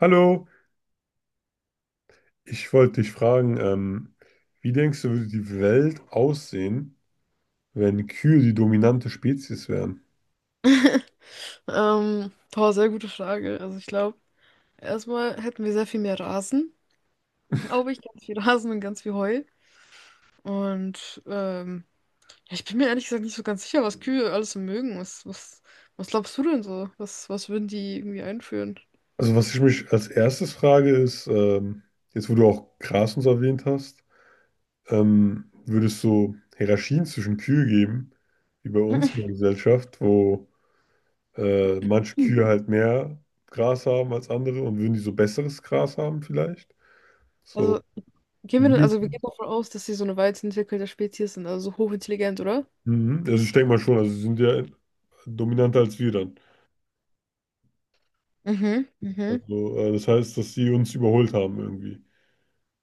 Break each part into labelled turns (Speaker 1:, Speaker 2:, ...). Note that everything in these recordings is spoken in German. Speaker 1: Hallo, ich wollte dich fragen, wie denkst du, würde die Welt aussehen, wenn Kühe die dominante Spezies wären?
Speaker 2: Boah, sehr gute Frage. Also ich glaube, erstmal hätten wir sehr viel mehr Rasen, glaube ich, ganz viel Rasen und ganz viel Heu. Und ähm, ja, ich bin mir ehrlich gesagt nicht so ganz sicher, was Kühe alles so mögen. Was glaubst du denn so? Was würden die irgendwie einführen?
Speaker 1: Also was ich mich als erstes frage ist, jetzt wo du auch Gras und so erwähnt hast, würde es so Hierarchien zwischen Kühe geben, wie bei uns in der Gesellschaft, wo manche
Speaker 2: Hm.
Speaker 1: Kühe halt mehr Gras haben als andere und würden die so besseres Gras haben vielleicht? So.
Speaker 2: Also also wir gehen davon aus, dass sie so eine weit entwickelte Spezies sind, also so hochintelligent, oder?
Speaker 1: Mhm. Also ich denke mal schon, also sie sind ja dominanter als wir dann.
Speaker 2: Mhm.
Speaker 1: Also, das heißt, dass sie uns überholt haben irgendwie.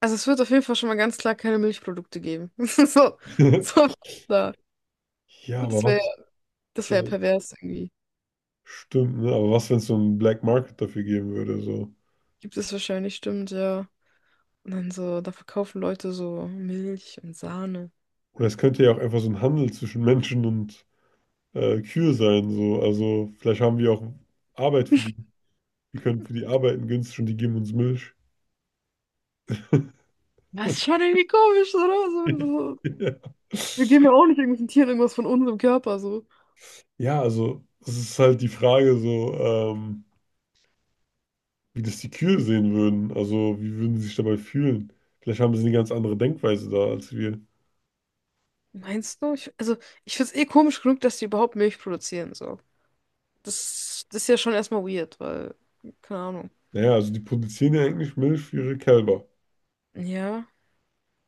Speaker 2: Also es wird auf jeden Fall schon mal ganz klar keine Milchprodukte geben. So, so, da.
Speaker 1: Ja, aber
Speaker 2: Das wäre,
Speaker 1: was,
Speaker 2: das wäre
Speaker 1: äh,
Speaker 2: pervers irgendwie.
Speaker 1: stimmt, ne? Aber was, wenn es so einen Black Market dafür geben würde, so?
Speaker 2: Gibt es wahrscheinlich, stimmt, ja. Und dann so, da verkaufen Leute so Milch und Sahne.
Speaker 1: Oder es könnte ja auch einfach so ein Handel zwischen Menschen und Kühe sein, so. Also, vielleicht haben wir auch Arbeit für die. Die können für die arbeiten günstig und die geben uns Milch.
Speaker 2: Das ist schon irgendwie komisch, oder? So, so,
Speaker 1: Ja.
Speaker 2: wir geben ja auch nicht irgendwelchen Tieren irgendwas von unserem Körper, so.
Speaker 1: Ja, also es ist halt die Frage so, wie das die Kühe sehen würden. Also wie würden sie sich dabei fühlen? Vielleicht haben sie eine ganz andere Denkweise da als wir.
Speaker 2: Meinst du? Also, ich find's eh komisch genug, dass die überhaupt Milch produzieren, so. Das ist ja schon erstmal weird, weil, keine Ahnung.
Speaker 1: Naja, also die produzieren ja eigentlich Milch für ihre Kälber.
Speaker 2: Ja.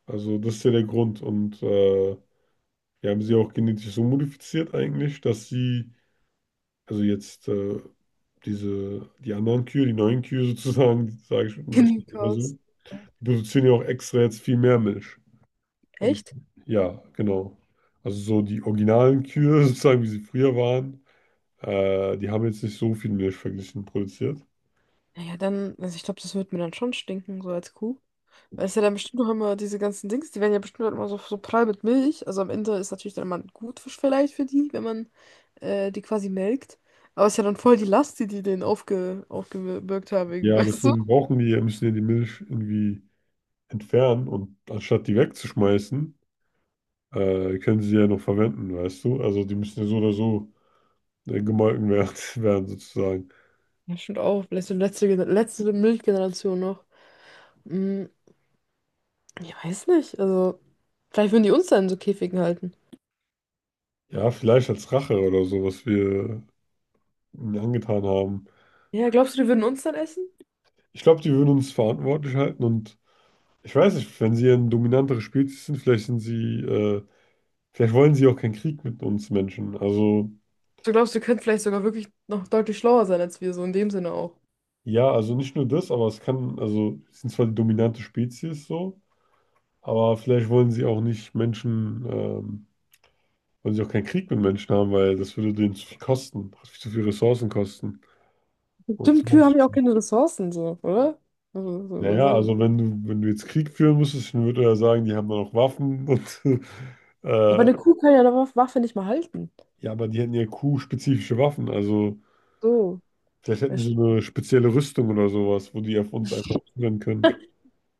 Speaker 1: Also das ist ja der Grund. Und die haben sie auch genetisch so modifiziert eigentlich, dass sie, also jetzt diese, die anderen Kühe, die neuen Kühe sozusagen, sage ich nicht immer
Speaker 2: Hindikaus.
Speaker 1: so, die produzieren ja auch extra jetzt viel mehr Milch. Damit,
Speaker 2: Echt?
Speaker 1: ja, genau. Also so die originalen Kühe sozusagen, wie sie früher waren, die haben jetzt nicht so viel Milch verglichen produziert.
Speaker 2: Naja, dann, also ich glaube, das wird mir dann schon stinken, so als Kuh. Weil es ja dann bestimmt noch immer diese ganzen Dings, die werden ja bestimmt halt immer so, so prall mit Milch. Also am Ende ist natürlich dann immer ein Gutfisch vielleicht für die, wenn man die quasi melkt. Aber es ist ja dann voll die Last, die die denen aufgebürgt haben, irgendwie,
Speaker 1: Ja,
Speaker 2: weißt du?
Speaker 1: deswegen brauchen die, ja, müssen ja die Milch irgendwie entfernen und anstatt die wegzuschmeißen, können sie die ja noch verwenden, weißt du? Also die müssen ja so oder so gemolken werden, werden sozusagen.
Speaker 2: Ja, stimmt auch. Vielleicht so letzte Milchgeneration noch. Hm, ich weiß nicht. Also, vielleicht würden die uns dann in so Käfigen halten.
Speaker 1: Ja, vielleicht als Rache oder so, was wir ihnen angetan haben.
Speaker 2: Ja, glaubst du, die würden uns dann essen?
Speaker 1: Ich glaube, die würden uns verantwortlich halten und ich weiß nicht, wenn sie ein dominanteres Spezies sind, vielleicht sind sie, vielleicht wollen sie auch keinen Krieg mit uns Menschen. Also
Speaker 2: Du glaubst, die könnten vielleicht sogar wirklich noch deutlich schlauer sein als wir, so in dem Sinne auch.
Speaker 1: ja, also nicht nur das, aber es kann, also sie sind zwar die dominante Spezies so, aber vielleicht wollen sie auch nicht Menschen Wollen sie auch keinen Krieg mit Menschen haben, weil das würde denen zu viel kosten, zu viel Ressourcen kosten. Und das
Speaker 2: Stimmt, Kühe
Speaker 1: lohnt
Speaker 2: haben
Speaker 1: sich
Speaker 2: ja auch
Speaker 1: nicht.
Speaker 2: keine Ressourcen, so, oder? Also, so, was
Speaker 1: Naja,
Speaker 2: soll-
Speaker 1: also wenn du, wenn du jetzt Krieg führen müsstest, dann würde er ja sagen, die haben dann auch Waffen und
Speaker 2: Ja, aber
Speaker 1: äh,
Speaker 2: eine Kuh kann ja eine Waffe nicht mal halten.
Speaker 1: ja, aber die hätten ja Q-spezifische Waffen. Also
Speaker 2: So.
Speaker 1: vielleicht
Speaker 2: Ja,
Speaker 1: hätten die so
Speaker 2: st-
Speaker 1: eine spezielle Rüstung oder sowas, wo die auf uns einfach zurennen können.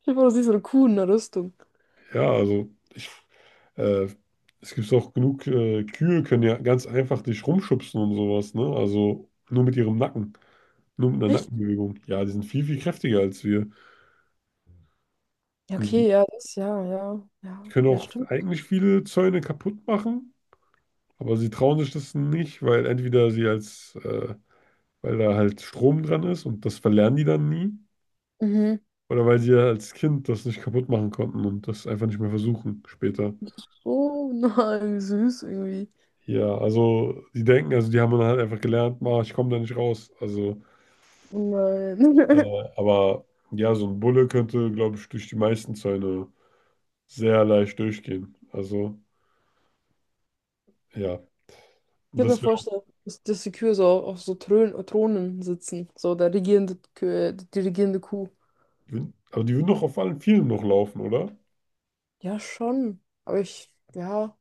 Speaker 2: Stell dir vor, du siehst so eine Kuh in einer Rüstung.
Speaker 1: Ja, also ich, äh, es gibt auch genug, Kühe können ja ganz einfach dich rumschubsen und sowas, ne? Also nur mit ihrem Nacken, nur mit einer
Speaker 2: Echt?
Speaker 1: Nackenbewegung. Ja, die sind viel, viel kräftiger als wir.
Speaker 2: Ja,
Speaker 1: Mhm.
Speaker 2: okay, ja, das, ja, ja,
Speaker 1: Die
Speaker 2: ja,
Speaker 1: können
Speaker 2: ja,
Speaker 1: auch
Speaker 2: stimmt.
Speaker 1: eigentlich viele Zäune kaputt machen, aber sie trauen sich das nicht, weil entweder sie als, weil da halt Strom dran ist und das verlernen die dann nie,
Speaker 2: Mhm.
Speaker 1: oder weil sie ja als Kind das nicht kaputt machen konnten und das einfach nicht mehr versuchen später.
Speaker 2: Oh nein, wie süß irgendwie.
Speaker 1: Ja, also die denken, also die haben dann halt einfach gelernt, ma, ich komme da nicht raus. Also,
Speaker 2: Oh
Speaker 1: äh,
Speaker 2: nein.
Speaker 1: aber ja, so ein Bulle könnte, glaube ich, durch die meisten Zäune sehr leicht durchgehen. Also, ja,
Speaker 2: Ich kann mir
Speaker 1: das wäre auch,
Speaker 2: vorstellen, dass die Kühe so auf so Thronen sitzen. So der regierende Kühe, die regierende Kuh.
Speaker 1: aber die würden doch auf allen Vieren noch laufen, oder?
Speaker 2: Ja, schon. Aber ich, ja.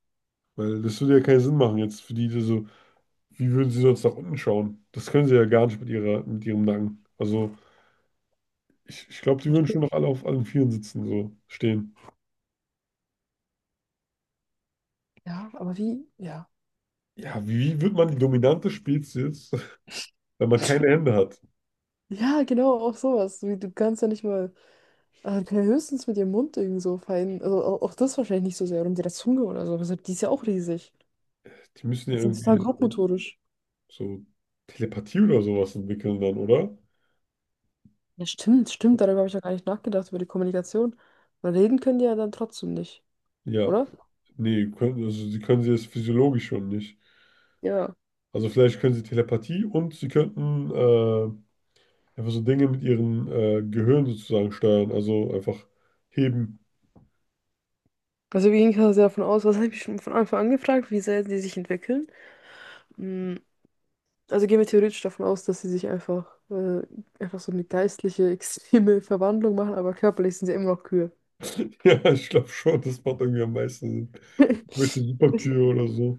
Speaker 1: Weil das würde ja keinen Sinn machen jetzt für die, die so, wie würden sie sonst nach unten schauen? Das können sie ja gar nicht mit ihrer, mit ihrem Nacken. Also ich glaube, die würden schon noch alle auf allen Vieren sitzen, so stehen.
Speaker 2: Ja, aber wie? Ja.
Speaker 1: Ja, wie wird man die dominante Spezies jetzt, wenn man keine Hände hat?
Speaker 2: Ja, genau, auch sowas. Wie, du kannst ja nicht mal. Kann ja höchstens mit ihrem Mund irgend so fein. Also auch das wahrscheinlich nicht so sehr. Oder mit der Zunge oder so. Deshalb, die ist ja auch riesig.
Speaker 1: Die müssen ja
Speaker 2: Also das ist total
Speaker 1: irgendwie so,
Speaker 2: grobmotorisch.
Speaker 1: so Telepathie oder sowas entwickeln dann, oder?
Speaker 2: Ja, stimmt, stimmt. Darüber habe ich ja gar nicht nachgedacht, über die Kommunikation. Weil reden können die ja dann trotzdem nicht,
Speaker 1: Ja,
Speaker 2: oder?
Speaker 1: nee, können, also sie können sie jetzt physiologisch schon nicht.
Speaker 2: Ja.
Speaker 1: Also vielleicht können sie Telepathie und sie könnten einfach so Dinge mit ihrem Gehirn sozusagen steuern, also einfach heben.
Speaker 2: Also wir gehen quasi davon aus, was habe ich schon von Anfang an gefragt, wie sehr die sich entwickeln. Mm, Also gehen wir theoretisch davon aus, dass sie sich einfach so eine geistliche, extreme Verwandlung machen, aber körperlich sind sie immer noch Kühe.
Speaker 1: Ja, ich glaube schon, das macht irgendwie am meisten Sinn. Welche Superkühe oder so.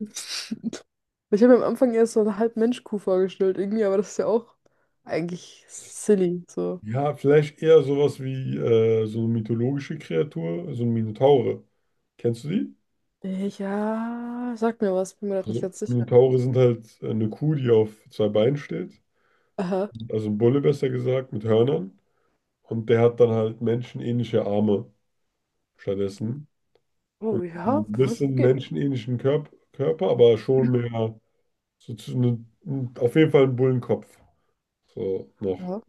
Speaker 2: Richtig. Ich habe mir am Anfang erst so eine Halb-Mensch-Kuh vorgestellt, irgendwie, aber das ist ja auch eigentlich silly, so.
Speaker 1: Ja, vielleicht eher sowas wie so eine mythologische Kreatur, so ein Minotaure. Kennst du die?
Speaker 2: Ja, sag mir was, bin mir grad nicht
Speaker 1: Also
Speaker 2: ganz sicher.
Speaker 1: Minotaure sind halt eine Kuh, die auf zwei Beinen steht.
Speaker 2: Aha.
Speaker 1: Also ein Bulle besser gesagt, mit Hörnern. Und der hat dann halt menschenähnliche Arme stattdessen.
Speaker 2: Oh
Speaker 1: Und
Speaker 2: ja,
Speaker 1: ein
Speaker 2: kann
Speaker 1: bisschen
Speaker 2: gehen.
Speaker 1: menschenähnlichen Körper, aber schon mehr so zu, ne, auf jeden Fall einen Bullenkopf. So noch.
Speaker 2: Ja,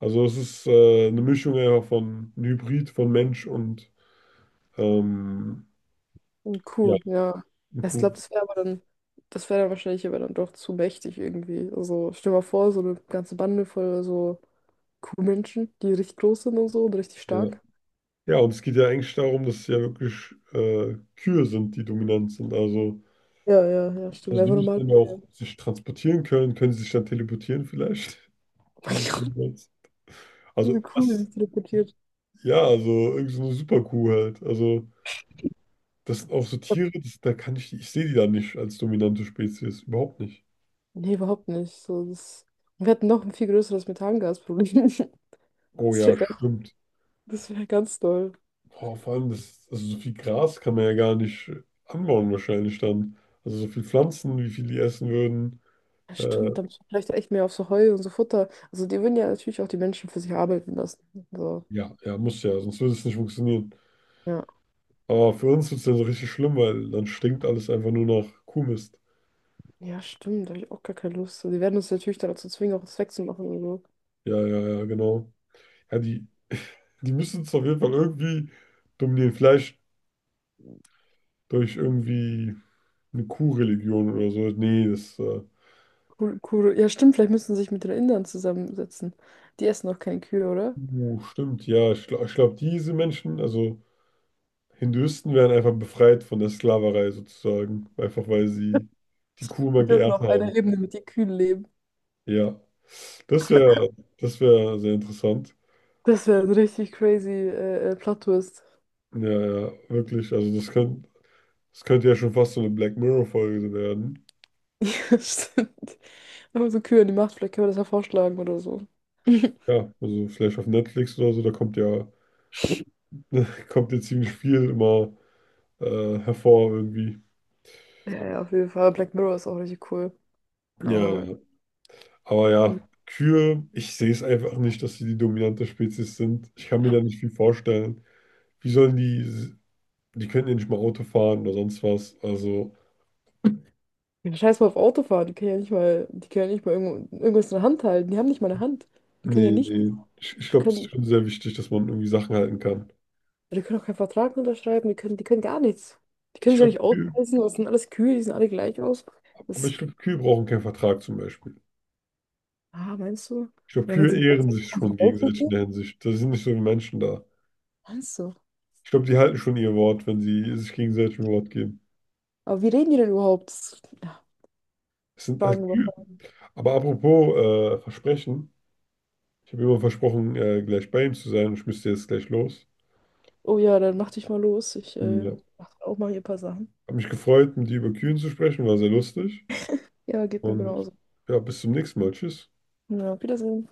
Speaker 1: Also es ist eine Mischung ja von ein Hybrid von Mensch und ähm,
Speaker 2: und
Speaker 1: ja,
Speaker 2: cool, ja.
Speaker 1: ein
Speaker 2: Ja, ich
Speaker 1: Kuh.
Speaker 2: glaube, das wäre dann wahrscheinlich aber dann doch zu mächtig irgendwie. Also stell dir mal vor, so eine ganze Bande voll so Kuhmenschen, die richtig groß sind und so und richtig
Speaker 1: Ja.
Speaker 2: stark.
Speaker 1: Ja, und es geht ja eigentlich darum, dass es ja wirklich Kühe sind, die dominant sind.
Speaker 2: Ja, ja, ja, stimmt.
Speaker 1: Also die
Speaker 2: Einfach normal.
Speaker 1: müssen ja auch
Speaker 2: Okay.
Speaker 1: sich transportieren können. Können sie sich dann teleportieren vielleicht?
Speaker 2: Oh
Speaker 1: Das
Speaker 2: mein
Speaker 1: ist
Speaker 2: Gott,
Speaker 1: niemals-
Speaker 2: eine
Speaker 1: Also
Speaker 2: Kuh, die
Speaker 1: was?
Speaker 2: sich teleportiert.
Speaker 1: Ja, also irgend so eine Superkuh halt. Also das sind auch so Tiere, das, da kann ich, ich sehe die da nicht als dominante Spezies. Überhaupt nicht.
Speaker 2: Nee, überhaupt nicht. So, das... Wir hätten noch ein viel größeres Methangasproblem.
Speaker 1: Oh
Speaker 2: Das
Speaker 1: ja,
Speaker 2: wäre ganz,
Speaker 1: stimmt.
Speaker 2: das wär ganz doll.
Speaker 1: Boah, vor allem, das, also so viel Gras kann man ja gar nicht anbauen wahrscheinlich dann. Also so viel Pflanzen, wie viel die essen würden.
Speaker 2: Ja,
Speaker 1: Äh,
Speaker 2: stimmt, da muss man vielleicht echt mehr auf so Heu und so Futter. Also die würden ja natürlich auch die Menschen für sich arbeiten lassen. So,
Speaker 1: ja, ja, muss ja, sonst würde es nicht funktionieren.
Speaker 2: ja.
Speaker 1: Aber für uns wird es dann so richtig schlimm, weil dann stinkt alles einfach nur nach Kuhmist.
Speaker 2: Ja, stimmt, da habe ich auch gar keine Lust. So, die werden uns natürlich dazu zwingen, auch was wegzumachen und so.
Speaker 1: Ja, ja, ja, genau. Ja, die, die müssen es auf jeden Fall irgendwie dominieren. Vielleicht durch irgendwie eine Kuhreligion oder so. Nee, das,
Speaker 2: Kur Kur Ja, stimmt, vielleicht müssen sie sich mit den Indern zusammensetzen. Die essen auch keine Kühe, oder?
Speaker 1: stimmt, ja. Ich glaube, diese Menschen, also. Hinduisten wären einfach befreit von der Sklaverei sozusagen, einfach weil sie die Kuh immer
Speaker 2: Die dürfen
Speaker 1: geehrt
Speaker 2: auf
Speaker 1: haben.
Speaker 2: einer Ebene mit den Kühen leben.
Speaker 1: Ja, das wäre das wäre sehr interessant.
Speaker 2: Das wäre ein richtig crazy Plot-Twist.
Speaker 1: Ja, ja, wirklich. Also das könnte ja schon fast so eine Black Mirror-Folge so werden.
Speaker 2: Ja, stimmt. Wenn man so Kühe in die Macht, vielleicht können wir das ja vorschlagen oder so.
Speaker 1: Ja, also vielleicht auf Netflix oder so, da kommt ja, kommt ja ziemlich viel immer hervor irgendwie.
Speaker 2: Ja, ja, auf jeden Fall. Black Mirror ist auch richtig cool.
Speaker 1: Ja,
Speaker 2: Aber
Speaker 1: ja. Aber
Speaker 2: hm.
Speaker 1: ja, Kühe, ich sehe es einfach nicht, dass sie die dominante Spezies sind. Ich kann mir da nicht viel vorstellen. Wie sollen die Die können ja nicht mal Auto fahren oder sonst was. Also,
Speaker 2: Ja, scheiß mal auf Autofahren. Die können ja nicht mal irgendwo, irgendwas in der Hand halten. Die haben nicht mal eine Hand. Die können ja
Speaker 1: nee,
Speaker 2: nicht.
Speaker 1: nee. Ich
Speaker 2: Die
Speaker 1: glaube, das ist
Speaker 2: können,
Speaker 1: schon sehr wichtig, dass man irgendwie Sachen halten kann.
Speaker 2: die können auch keinen Vertrag unterschreiben. Die können gar nichts. Die
Speaker 1: Ich
Speaker 2: können sich ja
Speaker 1: glaube,
Speaker 2: nicht
Speaker 1: Kühe,
Speaker 2: ausweisen. Das sind alles Kühe, die sehen alle gleich aus.
Speaker 1: aber
Speaker 2: Das,
Speaker 1: ich glaube, Kühe brauchen keinen Vertrag zum Beispiel.
Speaker 2: ah, meinst du?
Speaker 1: Ich glaube,
Speaker 2: Ja, wenn sie
Speaker 1: Kühe ehren sich
Speaker 2: in
Speaker 1: schon
Speaker 2: die Welt
Speaker 1: gegenseitig in
Speaker 2: gehen,
Speaker 1: der Hinsicht. Da sind nicht so wie Menschen da.
Speaker 2: meinst du?
Speaker 1: Ich glaube, die halten schon ihr Wort, wenn sie sich gegenseitig ein Wort geben.
Speaker 2: Aber wie reden die denn überhaupt? Das- Ja,
Speaker 1: Es sind halt
Speaker 2: fragen wir.
Speaker 1: Kühe. Aber apropos Versprechen. Ich habe immer versprochen, gleich bei ihm zu sein. Und ich müsste jetzt gleich los.
Speaker 2: Oh ja, dann mach dich mal los. Ich
Speaker 1: Ja.
Speaker 2: Mach auch mal hier ein paar Sachen.
Speaker 1: Habe mich gefreut, mit dir über Kühen zu sprechen. War sehr lustig.
Speaker 2: Ja, geht mir
Speaker 1: Und
Speaker 2: genauso.
Speaker 1: ja, bis zum nächsten Mal. Tschüss.
Speaker 2: Ja, auf Wiedersehen.